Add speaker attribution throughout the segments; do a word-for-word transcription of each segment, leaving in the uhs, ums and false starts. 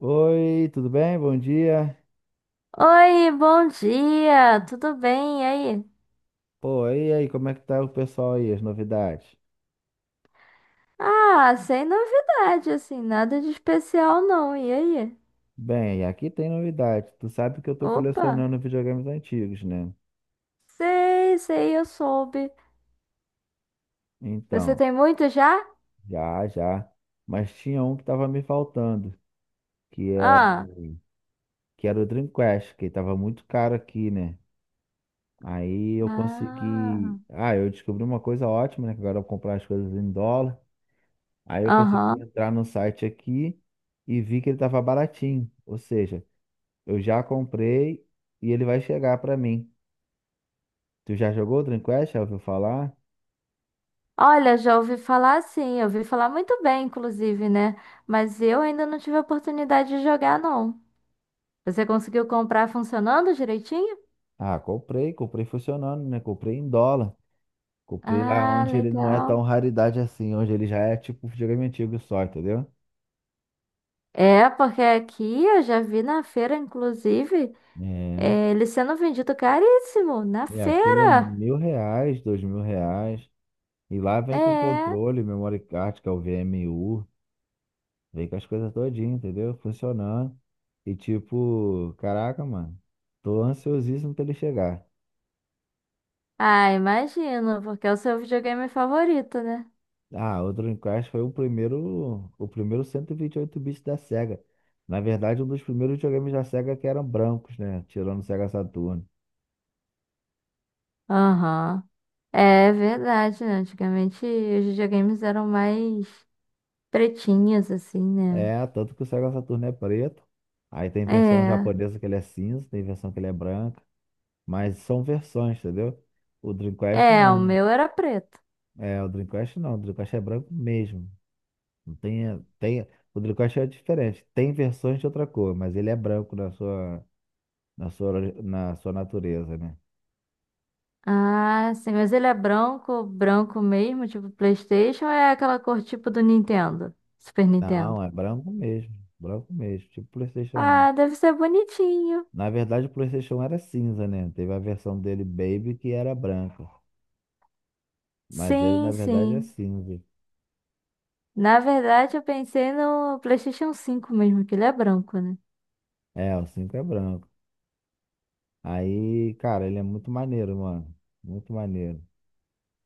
Speaker 1: Oi, tudo bem? Bom dia.
Speaker 2: Oi, bom dia, tudo bem? E aí?
Speaker 1: Pô, e aí, como é que tá o pessoal aí, as novidades?
Speaker 2: Ah, sem novidade, assim, nada de especial não. E aí?
Speaker 1: Bem, aqui tem novidade. Tu sabe que eu tô
Speaker 2: Opa,
Speaker 1: colecionando videogames antigos, né?
Speaker 2: sei, sei, eu soube. Você
Speaker 1: Então,
Speaker 2: tem muito já?
Speaker 1: já, já. Mas tinha um que tava me faltando, que é,
Speaker 2: Ah,
Speaker 1: que era o Dreamcast, que tava muito caro aqui, né? Aí eu
Speaker 2: ah,
Speaker 1: consegui. Ah, eu descobri uma coisa ótima, né? Que agora eu vou comprar as coisas em dólar. Aí eu consegui
Speaker 2: aham.
Speaker 1: entrar no site aqui e vi que ele tava baratinho. Ou seja, eu já comprei e ele vai chegar pra mim. Tu já jogou o Dreamcast? Já ouviu falar?
Speaker 2: Olha, já ouvi falar sim, eu ouvi falar muito bem, inclusive, né? Mas eu ainda não tive a oportunidade de jogar, não. Você conseguiu comprar funcionando direitinho?
Speaker 1: Ah, comprei, comprei funcionando, né? Comprei em dólar. Comprei lá
Speaker 2: Ah,
Speaker 1: onde ele não é tão
Speaker 2: legal.
Speaker 1: raridade assim, onde ele já é tipo um videogame antigo só, entendeu?
Speaker 2: É, porque aqui eu já vi na feira, inclusive.
Speaker 1: É.
Speaker 2: É, ele sendo vendido caríssimo na
Speaker 1: E aquele é
Speaker 2: feira.
Speaker 1: mil reais, dois mil reais. E lá vem com
Speaker 2: É.
Speaker 1: controle, memory card, que é o V M U. Vem com as coisas todinhas, entendeu? Funcionando. E tipo, caraca, mano. Tô ansiosíssimo pra ele chegar.
Speaker 2: Ah, imagino, porque é o seu videogame favorito, né?
Speaker 1: Ah, o Dreamcast foi o primeiro, o primeiro cento e vinte e oito bits da Sega. Na verdade, um dos primeiros videogames da Sega que eram brancos, né? Tirando o Sega Saturn.
Speaker 2: Aham. É verdade, né? Antigamente os videogames eram mais pretinhos, assim, né?
Speaker 1: É, tanto que o Sega Saturn é preto. Aí tem versão
Speaker 2: É.
Speaker 1: japonesa que ele é cinza, tem versão que ele é branca. Mas são versões, entendeu? O Dreamcast
Speaker 2: É, o
Speaker 1: não.
Speaker 2: meu era preto.
Speaker 1: É, o Dreamcast não. O Dreamcast é branco mesmo. Não tem, tem, o Dreamcast é diferente. Tem versões de outra cor, mas ele é branco na sua, na sua, na sua natureza, né?
Speaker 2: Ah, sim, mas ele é branco, branco mesmo, tipo PlayStation, ou é aquela cor tipo do Nintendo, Super
Speaker 1: Não,
Speaker 2: Nintendo.
Speaker 1: é branco mesmo. Branco mesmo. Tipo PlayStation um.
Speaker 2: Ah, deve ser bonitinho.
Speaker 1: Na verdade, o PlayStation um era cinza, né? Teve a versão dele Baby que era branca. Mas ele, na
Speaker 2: Sim,
Speaker 1: verdade, é
Speaker 2: sim.
Speaker 1: cinza.
Speaker 2: Na verdade, eu pensei no PlayStation cinco mesmo, que ele é branco, né?
Speaker 1: É, o cinco é branco. Aí, cara, ele é muito maneiro, mano. Muito maneiro.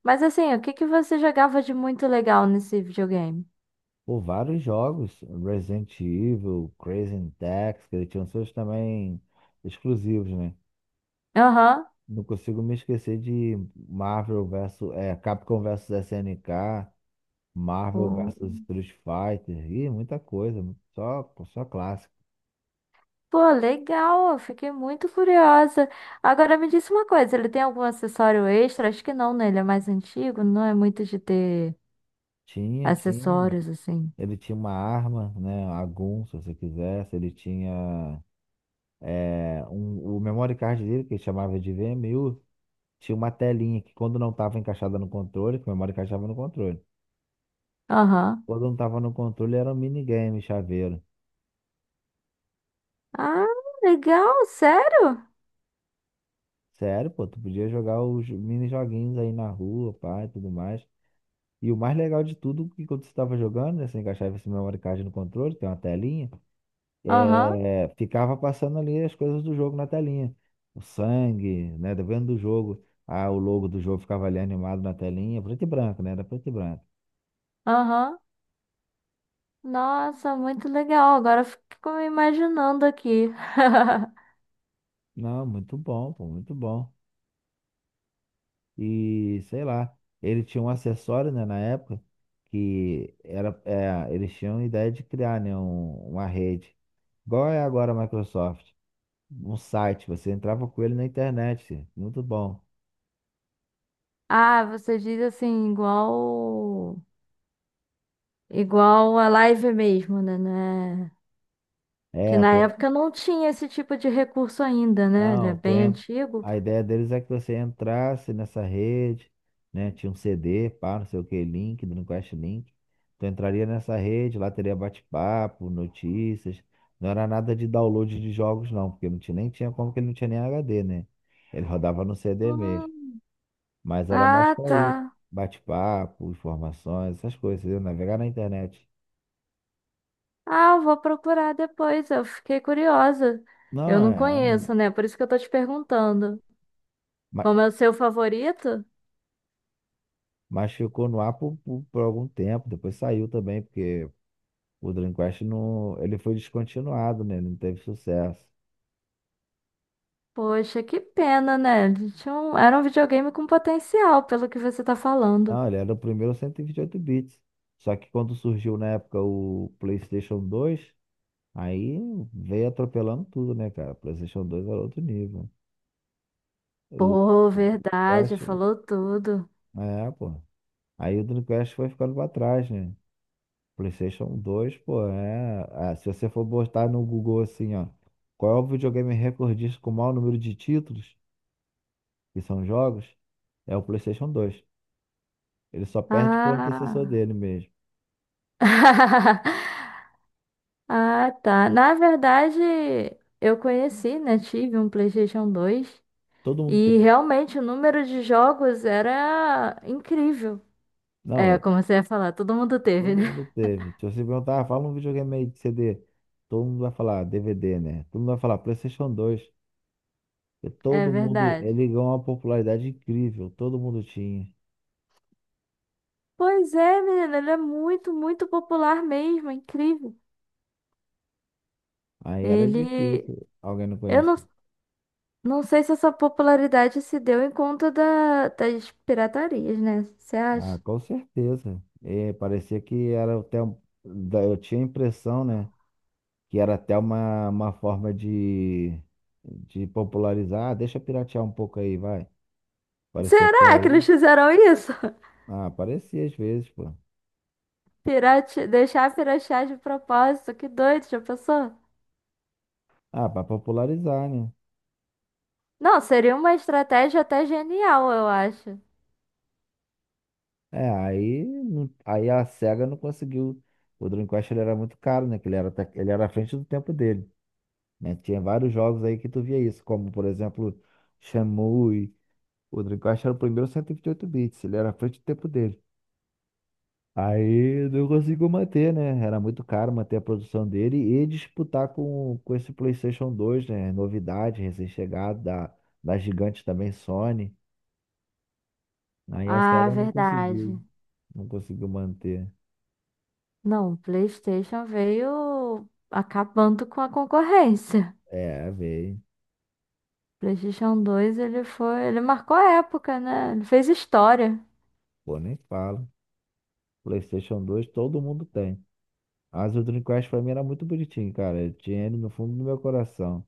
Speaker 2: Mas assim, o que que você jogava de muito legal nesse videogame?
Speaker 1: Por vários jogos, Resident Evil, Crazy Taxi, que ele tinha seus também exclusivos, né?
Speaker 2: Aham.
Speaker 1: Não consigo me esquecer de Marvel versus, é, Capcom versus S N K. Marvel
Speaker 2: O-
Speaker 1: versus Street Fighter, e muita coisa, só, só clássico.
Speaker 2: Pô, legal, eu fiquei muito curiosa. Agora me disse uma coisa, ele tem algum acessório extra? Acho que não, né? Ele é mais antigo, não é muito de ter
Speaker 1: Tinha, tinha.
Speaker 2: acessórios assim.
Speaker 1: Ele tinha uma arma, né? A Gun, se você quisesse. Ele tinha é, um, o memory card dele, que ele chamava de v VMU, tinha uma telinha que quando não estava encaixada no controle, que o memory card estava no controle.
Speaker 2: Aham.
Speaker 1: Quando não estava no controle, era um minigame, chaveiro.
Speaker 2: Ah, legal, sério?
Speaker 1: Sério, pô, tu podia jogar os mini joguinhos aí na rua, pá, e tudo mais. E o mais legal de tudo, que quando você estava jogando, né, você encaixava esse memory card no controle, tem uma telinha,
Speaker 2: Aham,
Speaker 1: é, ficava passando ali as coisas do jogo na telinha. O sangue, né, dependendo do jogo. Ah, o logo do jogo ficava ali animado na telinha, preto e branco, né, era preto e branco.
Speaker 2: aham. Nossa, muito legal. Agora eu fico me imaginando aqui.
Speaker 1: Não, muito bom, pô, muito bom. E, sei lá, ele tinha um acessório, né, na época, que era, é, eles tinham a ideia de criar, né, um- uma rede. Igual é agora a Microsoft. Um site, você entrava com ele na internet. Muito bom.
Speaker 2: Ah, você diz assim, igual igual a live mesmo, né? né?
Speaker 1: É,
Speaker 2: Que
Speaker 1: eu
Speaker 2: na
Speaker 1: tô,
Speaker 2: época não tinha esse tipo de recurso ainda, né? Ele
Speaker 1: não,
Speaker 2: é
Speaker 1: eu tô,
Speaker 2: bem
Speaker 1: en-
Speaker 2: antigo.
Speaker 1: a ideia deles é que você entrasse nessa rede, né? Tinha um C D, pá, não sei o que, link, Dreamcast Link. Tu entraria nessa rede, lá teria bate-papo, notícias. Não era nada de download de jogos, não, porque não tinha, nem tinha como que ele não tinha nem H D, né? Ele rodava no C D mesmo.
Speaker 2: Hum,
Speaker 1: Mas era mais
Speaker 2: ah,
Speaker 1: pra isso.
Speaker 2: tá.
Speaker 1: Bate-papo, informações, essas coisas, entendeu? Navegar na internet.
Speaker 2: Ah, eu vou procurar depois. Eu fiquei curiosa.
Speaker 1: Não,
Speaker 2: Eu não
Speaker 1: é. é um-
Speaker 2: conheço, né? Por isso que eu tô te perguntando. Como é o seu favorito?
Speaker 1: Mas ficou no ar por, por, por algum tempo, depois saiu também, porque o Dreamcast não, ele foi descontinuado, né? Ele não teve sucesso.
Speaker 2: Poxa, que pena, né? Ele tinha um... Era um videogame com potencial, pelo que você tá falando.
Speaker 1: Não, ele era o primeiro cento e e vinte e oito bits. Só que quando surgiu na época o PlayStation dois, aí veio atropelando tudo, né, cara? O PlayStation dois era outro nível. O,
Speaker 2: Pô,
Speaker 1: o
Speaker 2: verdade,
Speaker 1: Dreamcast,
Speaker 2: falou tudo.
Speaker 1: é, pô. Aí o Dreamcast foi ficando pra trás, né? PlayStation dois, pô, é. Ah, se você for botar no Google assim, ó, qual é o videogame recordista com o maior número de títulos, que são jogos, é o PlayStation dois. Ele só perde pro antecessor
Speaker 2: Ah.
Speaker 1: dele mesmo.
Speaker 2: Ah, tá. Na verdade, eu conheci, né? Tive um PlayStation dois
Speaker 1: Todo mundo
Speaker 2: e
Speaker 1: teve.
Speaker 2: realmente o número de jogos era incrível. É,
Speaker 1: Não,
Speaker 2: como você ia falar, todo mundo teve,
Speaker 1: todo
Speaker 2: né?
Speaker 1: mundo teve. Se você perguntar, ah, fala um videogame aí de C D, todo mundo vai falar D V D, né? Todo mundo vai falar PlayStation dois. E
Speaker 2: É
Speaker 1: todo mundo,
Speaker 2: verdade.
Speaker 1: ele ganhou uma popularidade incrível, todo mundo tinha.
Speaker 2: Pois é, menina, ele é muito, muito popular mesmo, é incrível.
Speaker 1: Aí era
Speaker 2: Ele.
Speaker 1: difícil alguém não
Speaker 2: Eu não,
Speaker 1: conhecer.
Speaker 2: não sei se essa popularidade se deu em conta da, das piratarias, né? Você
Speaker 1: Ah,
Speaker 2: acha?
Speaker 1: com certeza. É, parecia que era até. um- da- Eu tinha a impressão, né? Que era até uma, uma forma de, de popularizar. Ah, deixa eu piratear um pouco aí, vai. Parecia até
Speaker 2: Será que eles
Speaker 1: isso.
Speaker 2: fizeram isso?
Speaker 1: Ah, parecia às vezes, pô.
Speaker 2: Pirate... Deixar piratear de propósito, que doido, já pensou?
Speaker 1: Ah, pra popularizar, né?
Speaker 2: Não, seria uma estratégia até genial, eu acho.
Speaker 1: É, aí, não- aí a SEGA não conseguiu. O Dreamcast ele era muito caro, né? Que ele era, até- ele era à frente do tempo dele. Né? Tinha vários jogos aí que tu via isso, como por exemplo, Shenmue. O Dreamcast era o primeiro cento e vinte e oito bits, ele era à frente do tempo dele. Aí não conseguiu manter, né? Era muito caro manter a produção dele e disputar com, com esse PlayStation dois, né? Novidade, recém-chegado da, da gigante também, Sony. Aí a
Speaker 2: Ah,
Speaker 1: Sega não
Speaker 2: verdade.
Speaker 1: conseguiu, não conseguiu manter.
Speaker 2: Não, o PlayStation veio acabando com a concorrência.
Speaker 1: É, veio.
Speaker 2: PlayStation dois, ele foi, ele marcou a época, né? Ele fez história.
Speaker 1: Pô, nem fala. PlayStation dois todo mundo tem. Mas o Dreamcast pra mim era muito bonitinho, cara. Eu tinha ele no fundo do meu coração.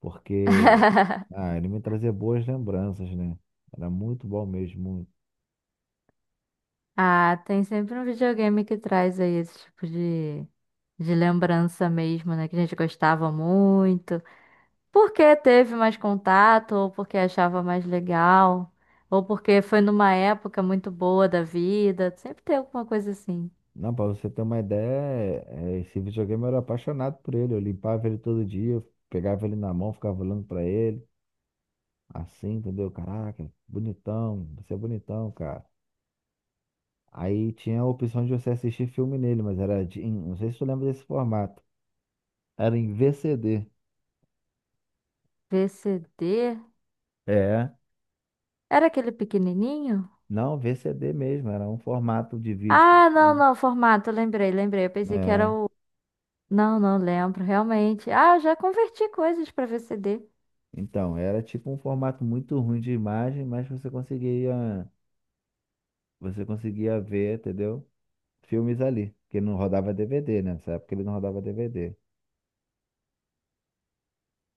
Speaker 1: Porque Ah, ele me trazia boas lembranças, né? Era muito bom mesmo.
Speaker 2: Ah, tem sempre um videogame que traz aí esse tipo de, de lembrança mesmo, né? Que a gente gostava muito. Porque teve mais contato, ou porque achava mais legal, ou porque foi numa época muito boa da vida. Sempre tem alguma coisa assim.
Speaker 1: Não, pra você ter uma ideia, é, esse videogame eu era apaixonado por ele. Eu limpava ele todo dia, eu pegava ele na mão, ficava olhando pra ele, assim, entendeu? Caraca, bonitão, você é bonitão, cara. Aí tinha a opção de você assistir filme nele, mas era de, em- não sei se tu lembra desse formato. Era em V C D.
Speaker 2: V C D?
Speaker 1: É,
Speaker 2: Era aquele pequenininho?
Speaker 1: não, V C D mesmo, era um formato de vídeo.
Speaker 2: Ah, não,
Speaker 1: Assim.
Speaker 2: não, formato, lembrei, lembrei. Eu pensei que era
Speaker 1: É.
Speaker 2: o. Não, não lembro, realmente. Ah, eu já converti coisas para V C D.
Speaker 1: Então, era tipo um formato muito ruim de imagem, mas você conseguia, você conseguia ver, entendeu? Filmes ali, porque não rodava D V D, né? Nessa época ele não rodava D V D.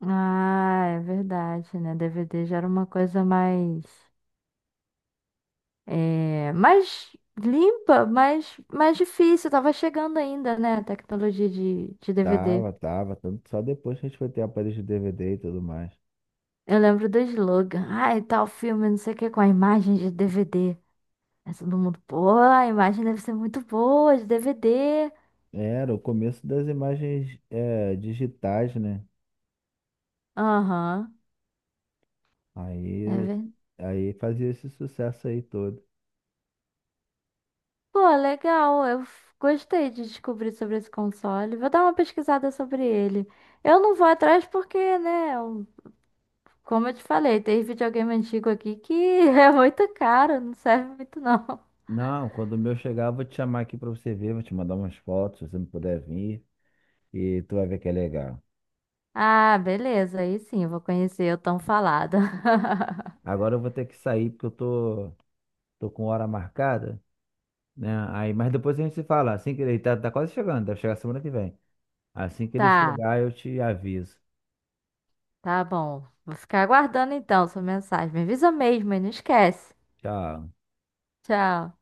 Speaker 2: Ah, é verdade, né? D V D já era uma coisa mais. É, mais limpa, mas mais difícil. Tava chegando ainda, né? A tecnologia de, de D V D.
Speaker 1: Tava, tava, tanto só depois que a gente foi ter aparelho de D V D e tudo mais.
Speaker 2: Eu lembro do slogan. Ai, tal filme, não sei o que, com a imagem de D V D. Aí todo mundo, pô, a imagem deve ser muito boa de D V D.
Speaker 1: Era o começo das imagens é, digitais, né?
Speaker 2: Aham, é
Speaker 1: Aí,
Speaker 2: verdade.
Speaker 1: aí fazia esse sucesso aí todo.
Speaker 2: Pô, legal. Eu f- gostei de descobrir sobre esse console. Vou dar uma pesquisada sobre ele. Eu não vou atrás porque, né? É um, como eu te falei, tem videogame antigo aqui que é muito caro, não serve muito não.
Speaker 1: Não, quando o meu chegar, eu vou te chamar aqui pra você ver, vou te mandar umas fotos, se você não puder vir, e tu vai ver que é legal.
Speaker 2: Ah, beleza, aí sim, eu vou conhecer o tão falado.
Speaker 1: Agora eu vou ter que sair porque eu tô Tô com hora marcada, né? Aí, mas depois a gente se fala. Assim que ele tá, tá quase chegando, deve chegar semana que vem. Assim que ele
Speaker 2: Tá,
Speaker 1: chegar, eu te aviso.
Speaker 2: tá bom. Vou ficar aguardando então sua mensagem. Me avisa mesmo e não esquece.
Speaker 1: Tchau.
Speaker 2: Tchau.